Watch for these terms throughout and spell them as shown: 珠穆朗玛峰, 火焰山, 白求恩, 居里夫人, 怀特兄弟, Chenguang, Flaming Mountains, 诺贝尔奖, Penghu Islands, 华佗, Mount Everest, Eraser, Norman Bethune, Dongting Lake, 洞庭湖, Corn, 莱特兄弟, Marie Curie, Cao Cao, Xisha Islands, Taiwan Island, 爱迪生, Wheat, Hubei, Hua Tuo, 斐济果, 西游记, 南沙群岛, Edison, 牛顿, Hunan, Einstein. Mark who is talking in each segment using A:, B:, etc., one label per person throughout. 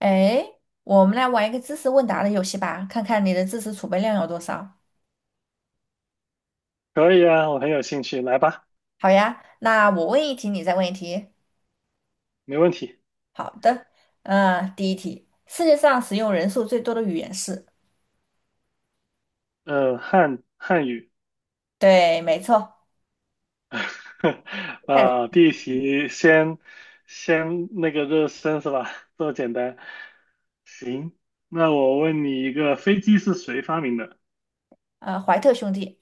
A: 哎，我们来玩一个知识问答的游戏吧，看看你的知识储备量有多少。
B: 可以啊，我很有兴趣，来吧，
A: 好呀，那我问一题，你再问一题。
B: 没问题。
A: 好的，第一题，世界上使用人数最多的语言是？
B: 汉语，
A: 对，没错，泰鲁。
B: 第一题先那个热身是吧？这么简单。行，那我问你一个，飞机是谁发明的？
A: 怀特兄弟。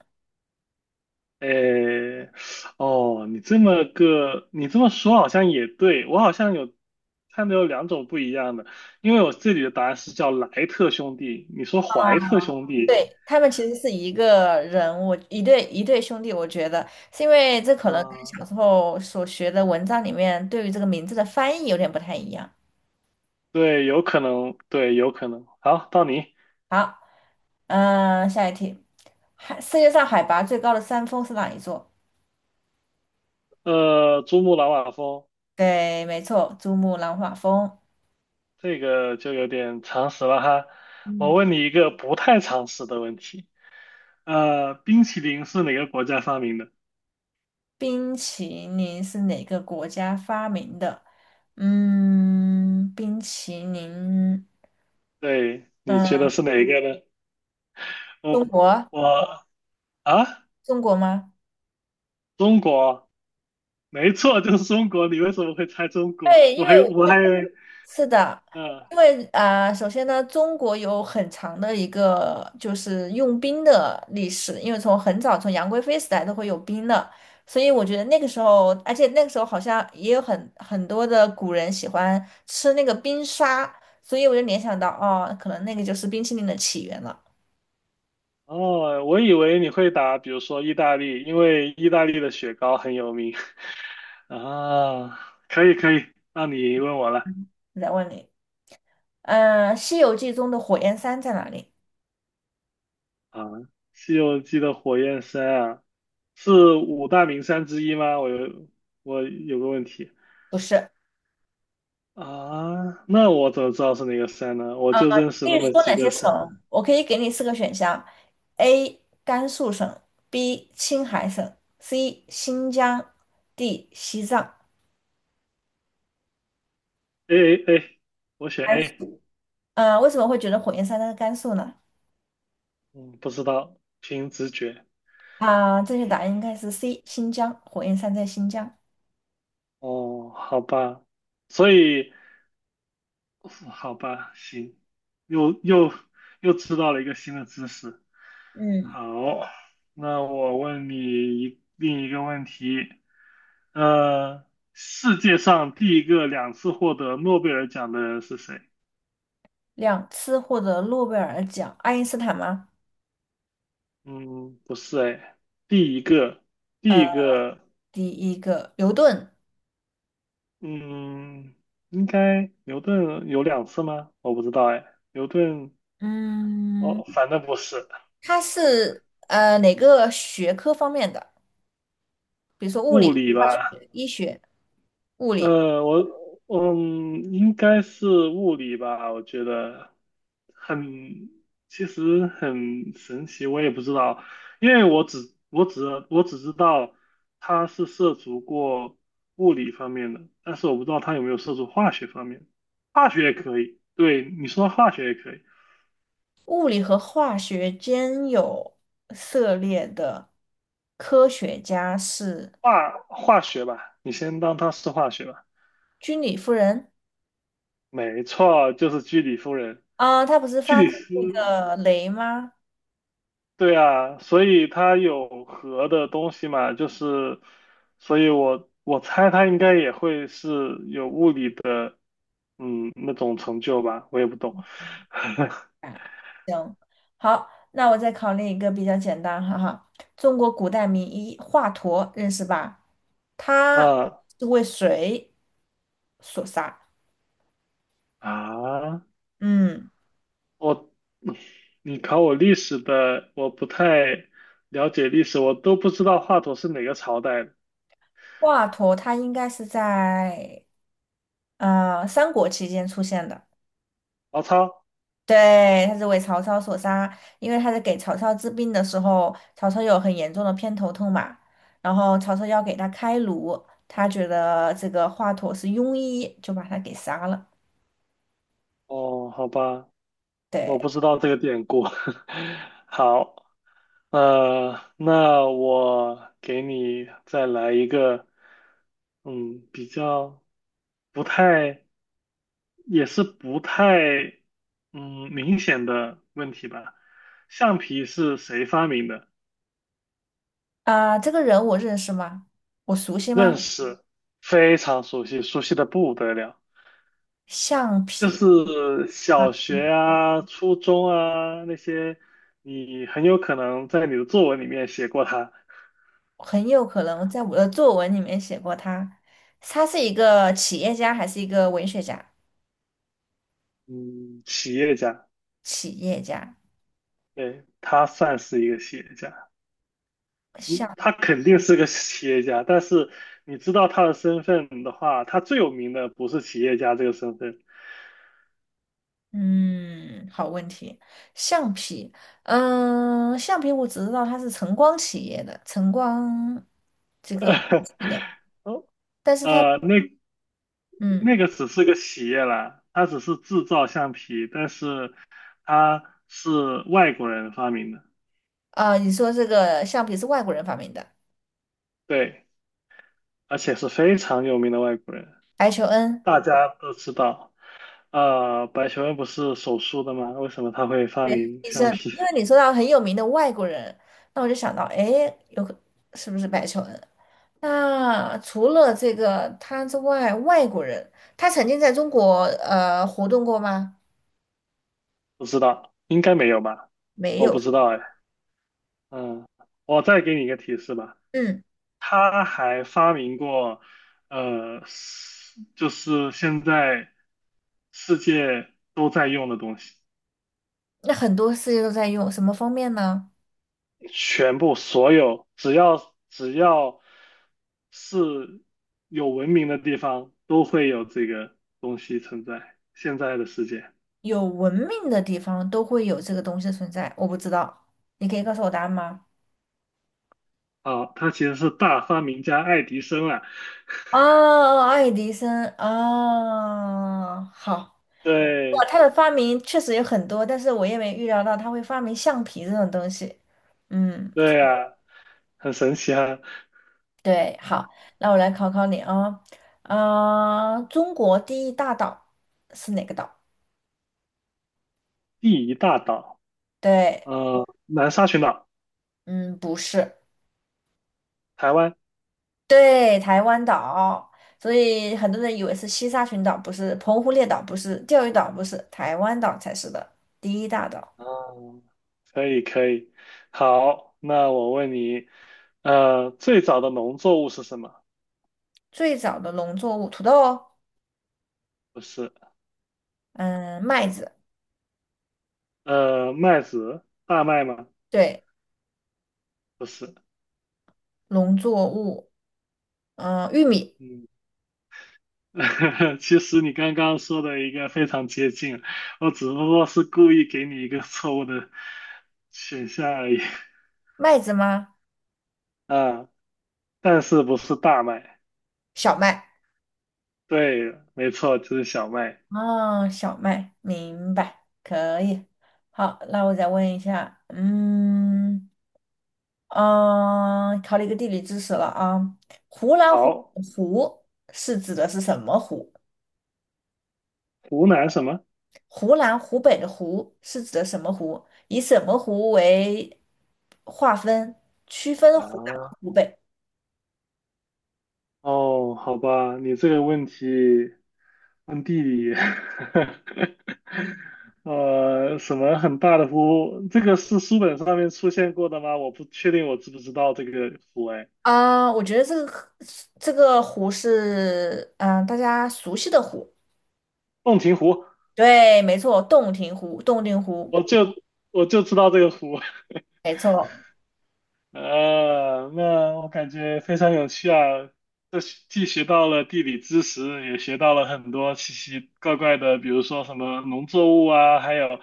B: 诶，哦，你这么个，你这么说好像也对，我好像有看到有两种不一样的，因为我这里的答案是叫莱特兄弟，你说怀特兄弟，
A: 对，他们其实是一个人，我一对兄弟，我觉得是因为这可能跟
B: 啊、
A: 小时候所学的文章里面对于这个名字的翻译有点不太一样。
B: 对，有可能，对，有可能。好，到你。
A: 好，下一题，世界上海拔最高的山峰是哪一座？
B: 珠穆朗玛峰
A: 对，没错，珠穆朗玛峰。
B: 这个就有点常识了哈。我
A: 嗯，
B: 问你一个不太常识的问题。冰淇淋是哪个国家发明的？
A: 冰淇淋是哪个国家发明的？冰淇淋，
B: 对，你觉得
A: 嗯，
B: 是哪一个呢？
A: 中
B: 我
A: 国，
B: 我啊，
A: 中国吗？
B: 中国，没错，就是中国。你为什么会猜中国？
A: 对，
B: 我还我还以为，
A: 是的，
B: 嗯、
A: 因为首先呢，中国有很长的一个就是用冰的历史，因为从很早从杨贵妃时代都会有冰的，所以我觉得那个时候，而且那个时候好像也有很多的古人喜欢吃那个冰沙，所以我就联想到，哦，可能那个就是冰淇淋的起源了。
B: 哦，我以为你会答，比如说意大利，因为意大利的雪糕很有名。啊，可以，那你问我了
A: 我再问你，西游记》中的火焰山在哪里？
B: 啊，《西游记》的火焰山啊，是五大名山之一吗？我有个问题
A: 不是。
B: 啊，那我怎么知道是哪个山呢？我就认识
A: 可
B: 那
A: 以
B: 么
A: 说
B: 几
A: 哪
B: 个
A: 些
B: 山，
A: 省？我可以给你四个选项：A. 甘肃省，B. 青海省，C. 新疆，D. 西藏。
B: A，我选
A: 甘
B: A，
A: 肃。为什么会觉得火焰山在甘肃呢？
B: 嗯，不知道，凭直觉。
A: 正确答案应该是 C. 新疆，火焰山在新疆。
B: 哦，好吧，所以好吧，行，又又又知道了一个新的知识。
A: 嗯，
B: 好，那我问你另一个问题，呃，世界上第一个两次获得诺贝尔奖的人是谁？
A: 两次获得诺贝尔奖，爱因斯坦吗？
B: 嗯，不是哎，第一个，第一个，
A: 第一个牛顿，
B: 嗯，应该牛顿有两次吗？我不知道哎，牛顿，
A: 嗯，
B: 哦，反正不是
A: 他是哪个学科方面的？
B: 物理
A: 化
B: 吧？
A: 学、医学、物理。
B: 我嗯，应该是物理吧，我觉得很，其实很神奇，我也不知道，因为我只知道他是涉足过物理方面的，但是我不知道他有没有涉足化学方面，化学也可以，对，你说化学也可以，
A: 物理和化学兼有涉猎的科学家是
B: 化学吧，你先当他是化学吧，
A: 居里夫人。
B: 没错，就是居里夫人，
A: 她不是
B: 居
A: 发
B: 里
A: 明
B: 夫。
A: 那个镭吗？
B: 对啊，所以它有核的东西嘛，就是，所以我猜它应该也会是有物理的，嗯，那种成就吧，我也不懂。
A: 哎，行，好，那我再考虑一个比较简单，哈哈。中国古代名医华佗认识吧？他
B: 啊
A: 是为谁所杀？
B: 啊，
A: 嗯，
B: 我，你考我历史的，我不太了解历史，我都不知道华佗是哪个朝代的。
A: 华佗他应该是在三国期间出现的。
B: 曹操？
A: 对，他是为曹操所杀，因为他在给曹操治病的时候，曹操有很严重的偏头痛嘛，然后曹操要给他开颅，他觉得这个华佗是庸医，就把他给杀了。
B: 哦，好吧，我
A: 对，
B: 不知道这个典故。好。那我给你再来一个，嗯，比较不太，也是不太，嗯，明显的问题吧。橡皮是谁发明的？
A: 这个人我认识吗？我熟悉吗？
B: 认识，非常熟悉，熟悉的不得了。
A: 橡
B: 就
A: 皮
B: 是
A: 啊，
B: 小学啊、初中啊那些，你很有可能在你的作文里面写过他。
A: 很有可能在我的作文里面写过他。他是一个企业家还是一个文学家？
B: 嗯，企业家，
A: 企业家。
B: 对，他算是一个企业家。嗯，他肯定是个企业家，但是你知道他的身份的话，他最有名的不是企业家这个身份，
A: 嗯，好问题。橡皮，橡皮我只知道它是晨光企业的，晨光这个去的，
B: 哦，
A: 但是它，
B: 那
A: 嗯，
B: 那个只是个企业啦，他只是制造橡皮，但是他是外国人发明的，
A: 你说这个橡皮是外国人发明的。
B: 对，而且是非常有名的外国人，
A: 白求恩，
B: 大家都知道。白求恩不是手术的吗？为什么他会发
A: 对，
B: 明
A: 医
B: 橡
A: 生，
B: 皮？
A: 因为你说到很有名的外国人，那我就想到，哎，有个是不是白求恩？那除了这个他之外，外国人他曾经在中国活动过吗？
B: 不知道，应该没有吧？
A: 没
B: 我
A: 有。
B: 不知道哎。嗯，我再给你一个提示吧，
A: 嗯。
B: 他还发明过，是就是现在世界都在用的东西，
A: 那很多世界都在用，什么方面呢？
B: 全部所有只要是有文明的地方，都会有这个东西存在。现在的世界，
A: 有文明的地方都会有这个东西的存在，我不知道，你可以告诉我答案吗？
B: 啊，他其实是大发明家爱迪生啊，
A: 啊，爱迪生啊，好，哇，
B: 对
A: 他的发明确实有很多，但是我也没预料到他会发明橡皮这种东西。嗯，
B: 对啊，很神奇啊，
A: 对，好，那我来考考你啊，中国第一大岛是哪个岛？
B: 第一大岛，
A: 对，
B: 南沙群岛。
A: 嗯，不是，
B: 台湾。
A: 对，台湾岛，所以很多人以为是西沙群岛，不是澎湖列岛，不是钓鱼岛，不是台湾岛才是的第一大岛。
B: 哦，可以，好，那我问你，最早的农作物是什么？
A: 最早的农作物，土豆哦，
B: 不是，
A: 嗯，麦子，
B: 麦子，大麦吗？
A: 对，
B: 不是，
A: 农作物，玉米，
B: 嗯，其实你刚刚说的一个非常接近，我只不过是故意给你一个错误的选项而已，
A: 麦子吗？
B: 啊，但是不是大麦？
A: 小麦，
B: 对，没错，就是小麦。
A: 哦，小麦，明白，可以。好，那我再问一下，考了一个地理知识了啊，湖南湖
B: 好，
A: 口湖是指的是什么湖？
B: 湖南什么？
A: 湖南、湖北的湖是指的什么湖？以什么湖为划分区分湖南和
B: 啊，
A: 湖北？
B: 哦，好吧，你这个问题。看地理，什么很大的湖？这个是书本上面出现过的吗？我不确定，我知不知道这个湖？哎，
A: 我觉得这个可这个湖是大家熟悉的湖，
B: 洞庭湖，
A: 对，没错，洞庭湖，洞庭湖，
B: 我就我就知道这个湖。
A: 没错，
B: 那我感觉非常有趣啊！这是既学到了地理知识，也学到了很多奇奇怪怪的，比如说什么农作物啊，还有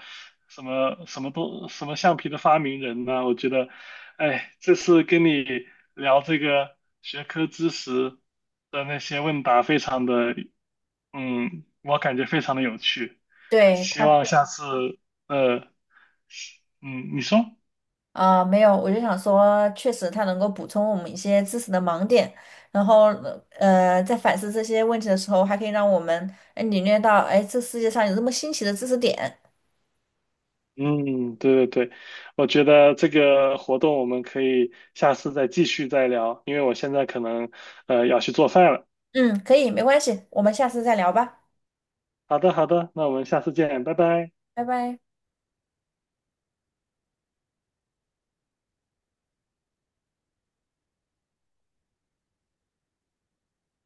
B: 什么橡皮的发明人呐、我觉得，哎，这次跟你聊这个学科知识的那些问答，非常的，嗯，我感觉非常的有趣。
A: 对
B: 希
A: 它
B: 望下次，呃，嗯，你说。
A: 没有，我就想说，确实它能够补充我们一些知识的盲点，然后在反思这些问题的时候，还可以让我们领略到这世界上有这么新奇的知识点。
B: 嗯，对对对，我觉得这个活动我们可以下次再继续再聊，因为我现在可能要去做饭了。
A: 嗯，可以，没关系，我们下次再聊吧，
B: 好的，好的，那我们下次见，拜拜。
A: 拜拜。